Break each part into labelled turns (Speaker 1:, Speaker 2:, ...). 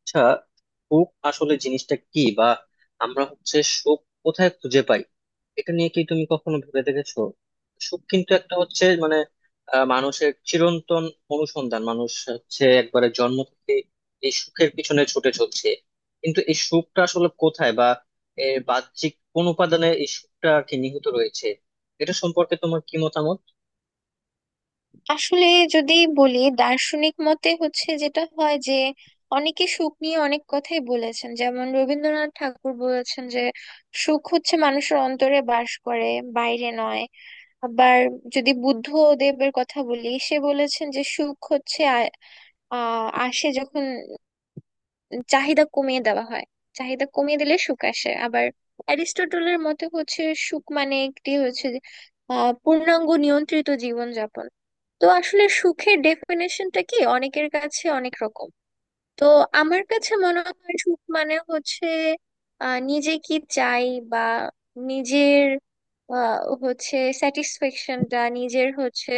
Speaker 1: আচ্ছা, সুখ আসলে জিনিসটা কি বা আমরা হচ্ছে সুখ কোথায় খুঁজে পাই? এটা নিয়ে কি তুমি কখনো ভেবে দেখেছো? সুখ কিন্তু একটা হচ্ছে মানে মানুষের চিরন্তন অনুসন্ধান। মানুষ হচ্ছে একবারে জন্ম থেকে এই সুখের পিছনে ছুটে চলছে, কিন্তু এই সুখটা আসলে কোথায় বা এর বাহ্যিক কোন উপাদানে এই সুখটা আর কি নিহিত রয়েছে? এটা সম্পর্কে তোমার কি মতামত?
Speaker 2: আসলে যদি বলি দার্শনিক মতে হচ্ছে যেটা হয় যে অনেকে সুখ নিয়ে অনেক কথাই বলেছেন। যেমন রবীন্দ্রনাথ ঠাকুর বলেছেন যে সুখ হচ্ছে মানুষের অন্তরে বাস করে, বাইরে নয়। আবার যদি বুদ্ধদেবের কথা বলি, সে বলেছেন যে সুখ হচ্ছে আ- আহ আসে যখন চাহিদা কমিয়ে দেওয়া হয়। চাহিদা কমিয়ে দিলে সুখ আসে। আবার অ্যারিস্টটলের মতে হচ্ছে সুখ মানে একটি হচ্ছে যে, পূর্ণাঙ্গ নিয়ন্ত্রিত জীবন যাপন। তো আসলে সুখের ডেফিনেশনটা কি অনেকের কাছে অনেক রকম। তো আমার কাছে মনে হয় সুখ মানে হচ্ছে নিজে কি চাই, বা নিজের আহ হচ্ছে স্যাটিসফ্যাকশনটা নিজের হচ্ছে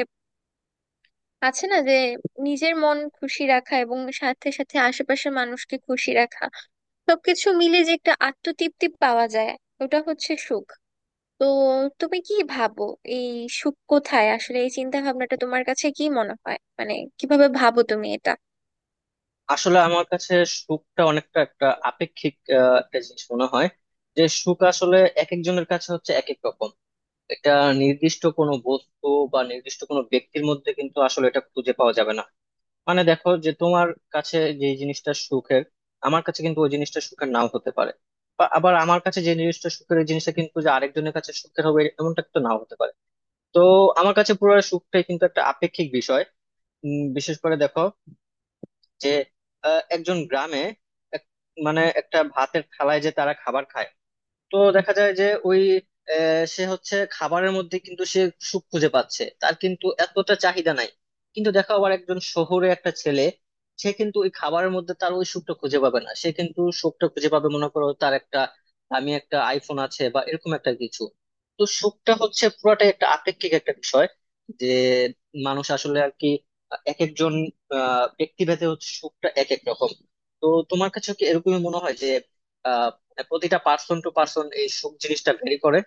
Speaker 2: আছে না যে, নিজের মন খুশি রাখা এবং সাথে সাথে আশেপাশের মানুষকে খুশি রাখা, সবকিছু মিলে যে একটা আত্মতৃপ্তি পাওয়া যায়, ওটা হচ্ছে সুখ। তো তুমি কি ভাবো এই সুখ কোথায়? আসলে এই চিন্তা ভাবনাটা তোমার কাছে কি মনে হয়, মানে কিভাবে ভাবো তুমি এটা?
Speaker 1: আসলে আমার কাছে সুখটা অনেকটা একটা আপেক্ষিক একটা জিনিস মনে হয়। যে সুখ আসলে এক একজনের কাছে হচ্ছে এক এক রকম। এটা নির্দিষ্ট কোনো বস্তু বা নির্দিষ্ট কোনো ব্যক্তির মধ্যে কিন্তু আসলে এটা খুঁজে পাওয়া যাবে না। মানে দেখো যে তোমার কাছে যে জিনিসটা সুখের, আমার কাছে কিন্তু ওই জিনিসটা সুখের নাও হতে পারে। বা আবার আমার কাছে যে জিনিসটা সুখের, ওই জিনিসটা কিন্তু যে আরেকজনের কাছে সুখের হবে এমনটা কিন্তু নাও হতে পারে। তো আমার কাছে পুরো সুখটাই কিন্তু একটা আপেক্ষিক বিষয়। বিশেষ করে দেখো যে একজন গ্রামে এক- মানে একটা ভাতের থালায় যে তারা খাবার খায়, তো দেখা যায় যে ওই সে হচ্ছে খাবারের মধ্যে কিন্তু সে সুখ খুঁজে পাচ্ছে, তার কিন্তু এতটা চাহিদা নাই। কিন্তু দেখো আবার একজন শহুরে একটা ছেলে, সে কিন্তু ওই খাবারের মধ্যে তার ওই সুখটা খুঁজে পাবে না। সে কিন্তু সুখটা খুঁজে পাবে মনে করো তার একটা দামি একটা আইফোন আছে বা এরকম একটা কিছু। তো সুখটা হচ্ছে পুরাটাই একটা আপেক্ষিক একটা বিষয়, যে মানুষ আসলে আর কি এক একজন ব্যক্তিভেদে হচ্ছে সুখটা এক এক রকম। তো তোমার কাছে কি এরকমই মনে হয় যে হ্যাঁ, প্রতিটা পার্সন টু পার্সন এই সুখ জিনিসটা ভেরি করে?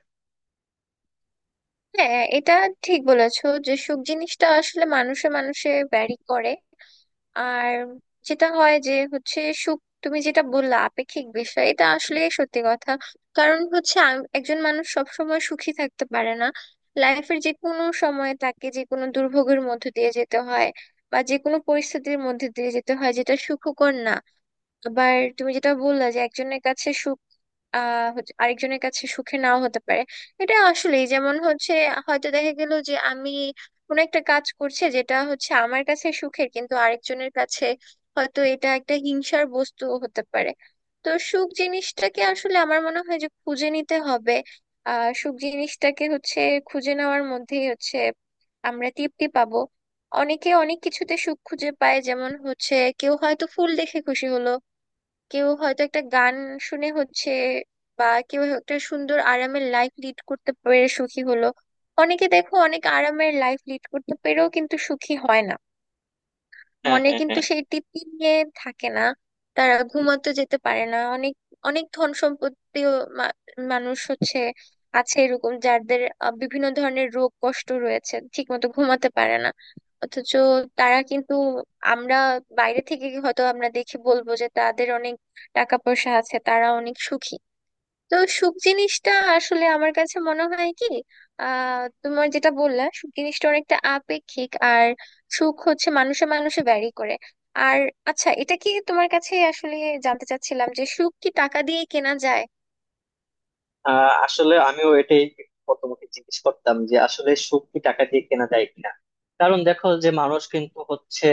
Speaker 2: হ্যাঁ, এটা ঠিক বলেছো যে সুখ জিনিসটা আসলে মানুষে মানুষে ভ্যারি করে। আর যেটা হয় যে হচ্ছে সুখ, তুমি যেটা বললা আপেক্ষিক বিষয়, এটা আসলে সত্যি কথা। কারণ হচ্ছে একজন মানুষ সব সময় সুখী থাকতে পারে না। লাইফের যে কোনো সময়ে তাকে যে কোনো দুর্ভোগের মধ্যে দিয়ে যেতে হয়, বা যে কোনো পরিস্থিতির মধ্যে দিয়ে যেতে হয় যেটা সুখকর না। আবার তুমি যেটা বললা যে একজনের কাছে সুখ আরেকজনের কাছে সুখে নাও হতে পারে। এটা আসলেই, যেমন হচ্ছে হয়তো দেখা গেল যে আমি কোনো একটা কাজ করছে যেটা হচ্ছে আমার কাছে সুখের, কিন্তু আরেকজনের কাছে হয়তো এটা একটা হিংসার বস্তু হতে পারে। তো সুখ জিনিসটাকে আসলে আমার মনে হয় যে খুঁজে নিতে হবে। সুখ জিনিসটাকে হচ্ছে খুঁজে নেওয়ার মধ্যেই হচ্ছে আমরা তৃপ্তি পাবো। অনেকে অনেক কিছুতে সুখ খুঁজে পায়, যেমন হচ্ছে কেউ হয়তো ফুল দেখে খুশি হলো, কেউ হয়তো একটা গান শুনে হচ্ছে, বা কেউ একটা সুন্দর আরামের লাইফ লিড করতে পেরে সুখী হলো। অনেকে দেখো অনেক আরামের লাইফ লিড করতে পেরেও কিন্তু সুখী হয় না,
Speaker 1: হ্যাঁ,
Speaker 2: মনে
Speaker 1: হ্যাঁ,
Speaker 2: কিন্তু
Speaker 1: হ্যাঁ।
Speaker 2: সেই তৃপ্তি নিয়ে থাকে না। তারা ঘুমাতে যেতে পারে না। অনেক অনেক ধন সম্পত্তিও মা- মানুষ হচ্ছে আছে এরকম, যাদের বিভিন্ন ধরনের রোগ কষ্ট রয়েছে, ঠিকমতো ঘুমাতে পারে না। অথচ তারা কিন্তু আমরা বাইরে থেকে হয়তো আমরা দেখে বলবো যে তাদের অনেক টাকা পয়সা আছে, তারা অনেক সুখী। তো সুখ জিনিসটা আসলে আমার কাছে মনে হয় কি, তোমার যেটা বললা সুখ জিনিসটা অনেকটা আপেক্ষিক, আর সুখ হচ্ছে মানুষে মানুষে ভ্যারি করে। আর আচ্ছা, এটা কি তোমার কাছে আসলে, জানতে চাচ্ছিলাম যে সুখ কি টাকা দিয়ে কেনা যায়?
Speaker 1: আসলে আমিও এটাই প্রথমে জিজ্ঞেস করতাম যে আসলে সুখ কি টাকা দিয়ে কেনা যায় কিনা। কারণ দেখো যে মানুষ কিন্তু হচ্ছে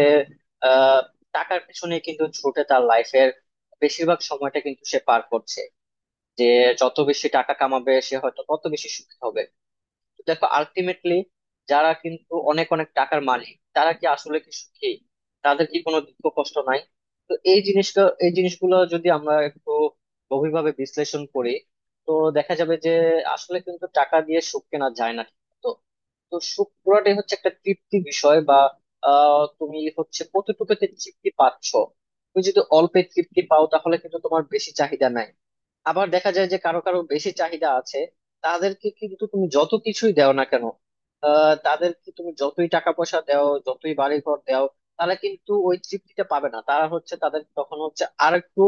Speaker 1: আহ টাকার পিছনে কিন্তু ছুটে তার লাইফের বেশিরভাগ সময়টা কিন্তু সে পার করছে, যে যত বেশি টাকা কামাবে সে হয়তো তত বেশি সুখী হবে। দেখো আলটিমেটলি, যারা কিন্তু অনেক অনেক টাকার মালিক, তারা কি আসলে কি সুখী? তাদের কি কোনো দুঃখ কষ্ট নাই? তো এই জিনিসটা এই জিনিসগুলো যদি আমরা একটু গভীরভাবে বিশ্লেষণ করি, তো দেখা যাবে যে আসলে কিন্তু টাকা দিয়ে সুখ কেনা যায় না। তো তো সুখ পুরাটাই হচ্ছে একটা তৃপ্তি বিষয়। বা তুমি হচ্ছে কতটুকুতে তৃপ্তি পাচ্ছ। তুমি যদি অল্পে তৃপ্তি পাও তাহলে কিন্তু তোমার বেশি চাহিদা নাই। আবার দেখা যায় যে কারো কারো বেশি চাহিদা আছে, তাদেরকে কিন্তু তুমি যত কিছুই দাও না কেন, তাদেরকে তুমি যতই টাকা পয়সা দাও যতই বাড়ি ঘর দাও, তারা কিন্তু ওই তৃপ্তিটা পাবে না। তারা হচ্ছে তাদের তখন হচ্ছে আরেকটু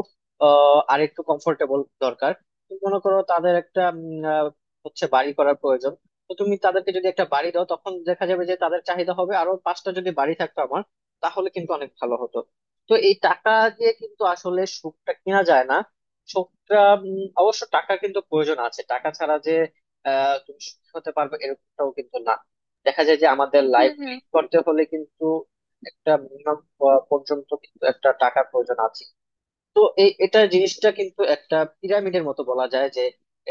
Speaker 1: আরেকটু কমফোর্টেবল দরকার। তুমি মনে করো তাদের একটা হচ্ছে বাড়ি করার প্রয়োজন। তো তুমি তাদেরকে যদি একটা বাড়ি দাও, তখন দেখা যাবে যে তাদের চাহিদা হবে আরো পাঁচটা যদি বাড়ি থাকতো আমার তাহলে কিন্তু অনেক ভালো হতো। তো এই টাকা দিয়ে কিন্তু আসলে সুখটা কিনা যায় না। সুখটা অবশ্য টাকা কিন্তু প্রয়োজন আছে। টাকা ছাড়া যে তুমি সুখী হতে পারবে এরকমটাও কিন্তু না। দেখা যায় যে আমাদের
Speaker 2: হুম
Speaker 1: লাইফ
Speaker 2: হুম।
Speaker 1: লিড করতে হলে কিন্তু একটা মিনিমাম পর্যন্ত কিন্তু একটা টাকার প্রয়োজন আছে। তো এটা জিনিসটা কিন্তু একটা পিরামিডের মতো বলা যায়। যে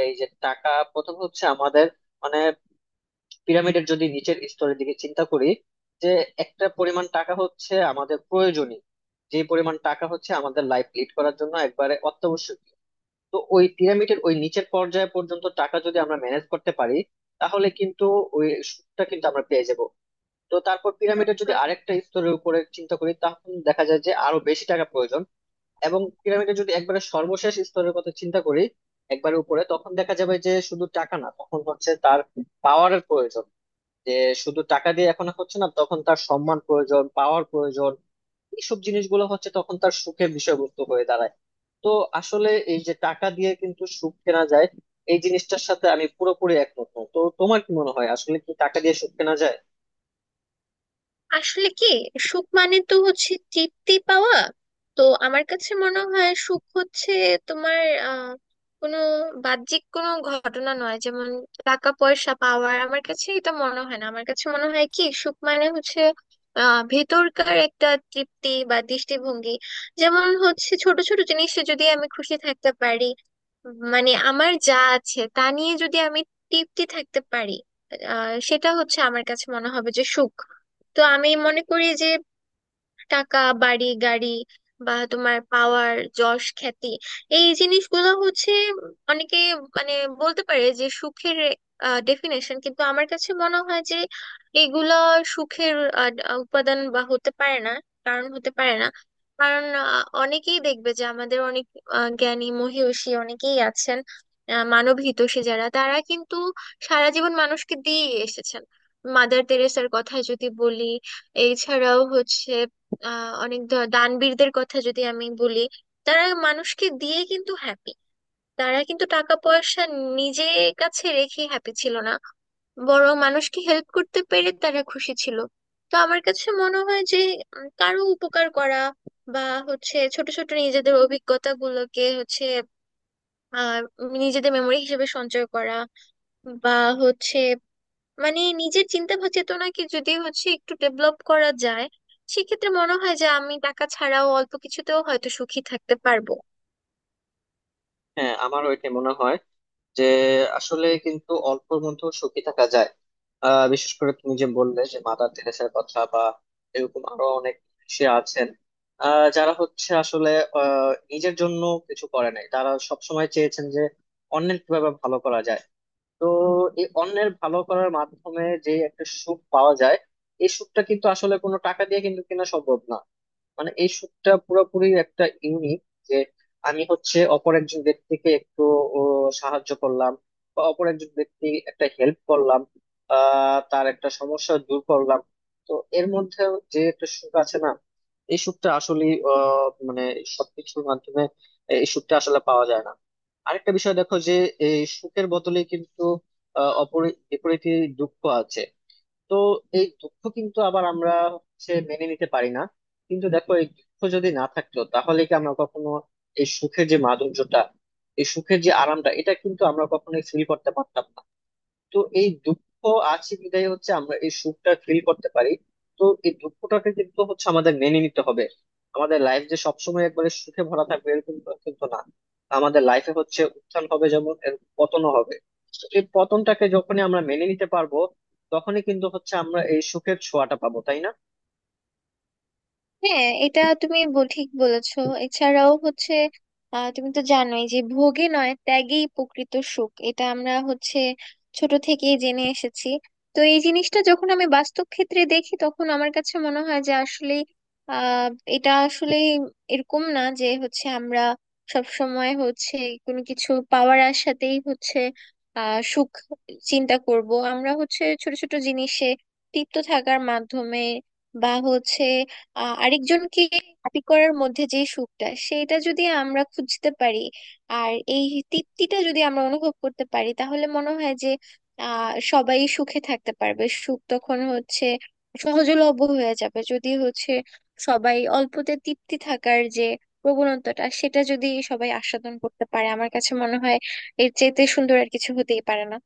Speaker 1: এই যে টাকা প্রথম হচ্ছে আমাদের মানে পিরামিডের যদি নিচের স্তরের দিকে চিন্তা করি, যে একটা পরিমাণ টাকা হচ্ছে আমাদের প্রয়োজনীয়, যে পরিমাণ টাকা হচ্ছে আমাদের লাইফ লিড করার জন্য একবারে অত্যাবশ্যক। তো ওই পিরামিডের ওই নিচের পর্যায় পর্যন্ত টাকা যদি আমরা ম্যানেজ করতে পারি, তাহলে কিন্তু ওই সুদটা কিন্তু আমরা পেয়ে যাব। তো তারপর পিরামিডের যদি আরেকটা স্তরের উপরে চিন্তা করি, তখন দেখা যায় যে আরো বেশি টাকা প্রয়োজন। এবং পিরামিডের যদি একবারে সর্বশেষ স্তরের কথা চিন্তা করি, একবারে উপরে, তখন দেখা যাবে যে শুধু টাকা না, তখন হচ্ছে তার পাওয়ারের প্রয়োজন। যে শুধু টাকা দিয়ে এখন আর হচ্ছে না, তখন তার সম্মান প্রয়োজন, পাওয়ার প্রয়োজন। এইসব জিনিসগুলো হচ্ছে তখন তার সুখের বিষয়বস্তু হয়ে দাঁড়ায়। তো আসলে এই যে টাকা দিয়ে কিন্তু সুখ কেনা যায়, এই জিনিসটার সাথে আমি পুরোপুরি একমত না। তো তোমার কি মনে হয় আসলে কি টাকা দিয়ে সুখ কেনা যায়?
Speaker 2: আসলে কি সুখ মানে তো হচ্ছে তৃপ্তি পাওয়া। তো আমার কাছে মনে হয় সুখ হচ্ছে তোমার আহ কোনো বাহ্যিক কোনো ঘটনা নয়, যেমন টাকা পয়সা পাওয়ার আমার কাছে এটা মনে হয় না, আমার কাছে মনে হয় কি সুখ মানে হচ্ছে ভেতরকার একটা তৃপ্তি বা দৃষ্টিভঙ্গি। যেমন হচ্ছে ছোট ছোট জিনিসে যদি আমি খুশি থাকতে পারি, মানে আমার যা আছে তা নিয়ে যদি আমি তৃপ্তি থাকতে পারি, সেটা হচ্ছে আমার কাছে মনে হবে যে সুখ। তো আমি মনে করি যে টাকা, বাড়ি, গাড়ি, বা তোমার পাওয়ার, যশ, খ্যাতি, এই জিনিসগুলো হচ্ছে অনেকে মানে বলতে পারে যে সুখের ডেফিনেশন, কিন্তু আমার কাছে মনে হয় যে এগুলো সুখের আহ, আহ, উপাদান বা হতে পারে না। কারণ হতে পারে না কারণ অনেকেই দেখবে যে আমাদের অনেক জ্ঞানী মহীয়সী অনেকেই আছেন, মানব হিতৈষী যারা, তারা কিন্তু সারা জীবন মানুষকে দিয়ে এসেছেন। মাদার তেরেসার কথা যদি বলি, এছাড়াও হচ্ছে অনেক দানবীরদের কথা যদি আমি বলি, তারা মানুষকে দিয়ে কিন্তু হ্যাপি। তারা কিন্তু টাকা পয়সা নিজে কাছে রেখে হ্যাপি ছিল না, বড় মানুষকে হেল্প করতে পেরে তারা খুশি ছিল। তো আমার কাছে মনে হয় যে কারো উপকার করা, বা হচ্ছে ছোট ছোট নিজেদের অভিজ্ঞতা গুলোকে হচ্ছে আহ নিজেদের মেমরি হিসেবে সঞ্চয় করা, বা হচ্ছে মানে নিজের চিন্তা চেতনাকে যদি হচ্ছে একটু ডেভেলপ করা যায়, সেক্ষেত্রে মনে হয় যে আমি টাকা ছাড়াও অল্প কিছুতেও হয়তো সুখী থাকতে পারবো।
Speaker 1: হ্যাঁ, আমারও এটা মনে হয় যে আসলে কিন্তু অল্পের মধ্যেও সুখী থাকা যায়। বিশেষ করে তুমি যে বললে যে মাদার তেরেসার কথা, বা এরকম আরো অনেক সে আছেন যারা হচ্ছে আসলে নিজের জন্য কিছু করে নাই। তারা সবসময় চেয়েছেন যে অন্যের কিভাবে ভালো করা যায়। তো এই অন্যের ভালো করার মাধ্যমে যে একটা সুখ পাওয়া যায়, এই সুখটা কিন্তু আসলে কোনো টাকা দিয়ে কিন্তু কেনা সম্ভব না। মানে এই শ্যুটটা পুরোপুরি একটা ইউনিক। যে আমি হচ্ছে অপর একজন ব্যক্তিকে একটু ও, সাহায্য করলাম, বা অপর একজন ব্যক্তি একটা হেল্প করলাম, তার একটা সমস্যা দূর করলাম। তো এর মধ্যে যে একটা সুখ আছে না, এই সুখটা আসলে মানে সবকিছুর মাধ্যমে এই সুখটা আসলে পাওয়া যায় না। আরেকটা বিষয় দেখো যে এই সুখের বদলে কিন্তু আহ অপরি বিপরীতে দুঃখ আছে। তো এই দুঃখ কিন্তু আবার আমরা হচ্ছে মেনে নিতে পারি না। কিন্তু দেখো এই দুঃখ যদি না থাকতো তাহলে কি আমরা কখনো এই সুখের যে মাধুর্যটা, এই সুখের যে আরামটা, এটা কিন্তু আমরা কখনোই ফিল করতে পারতাম না। তো এই দুঃখ আছে বিধায় হচ্ছে আমরা এই সুখটা ফিল করতে পারি। তো এই দুঃখটাকে কিন্তু হচ্ছে আমাদের মেনে নিতে হবে। আমাদের লাইফ যে সবসময় একবারে সুখে ভরা থাকবে এরকম তো কিন্তু না। আমাদের লাইফে হচ্ছে উত্থান হবে যেমন এর পতনও হবে। তো এই পতনটাকে যখনই আমরা মেনে নিতে পারবো, তখনই কিন্তু হচ্ছে আমরা এই সুখের ছোঁয়াটা পাবো, তাই না?
Speaker 2: হ্যাঁ, এটা তুমি ঠিক বলেছো। এছাড়াও হচ্ছে তুমি তো জানোই যে ভোগে নয় ত্যাগেই প্রকৃত সুখ, এটা আমরা হচ্ছে ছোট থেকেই জেনে এসেছি। তো এই জিনিসটা যখন আমি বাস্তব ক্ষেত্রে দেখি তখন আমার কাছে মনে হয় যে আসলে আহ এটা আসলে এরকম না যে হচ্ছে আমরা সব সময় হচ্ছে কোনো কিছু পাওয়ার আশাতেই হচ্ছে সুখ চিন্তা করব। আমরা হচ্ছে ছোট ছোট জিনিসে তৃপ্ত থাকার মাধ্যমে, বা হচ্ছে আরেকজনকে হ্যাপি করার মধ্যে যে সুখটা, সেটা যদি আমরা খুঁজতে পারি, আর এই তৃপ্তিটা যদি আমরা অনুভব করতে পারি, তাহলে মনে হয় যে সবাই সুখে থাকতে পারবে। সুখ তখন হচ্ছে সহজলভ্য হয়ে যাবে, যদি হচ্ছে সবাই অল্পতে তৃপ্তি থাকার যে প্রবণতাটা, সেটা যদি সবাই আস্বাদন করতে পারে, আমার কাছে মনে হয় এর চাইতে সুন্দর আর কিছু হতেই পারে না।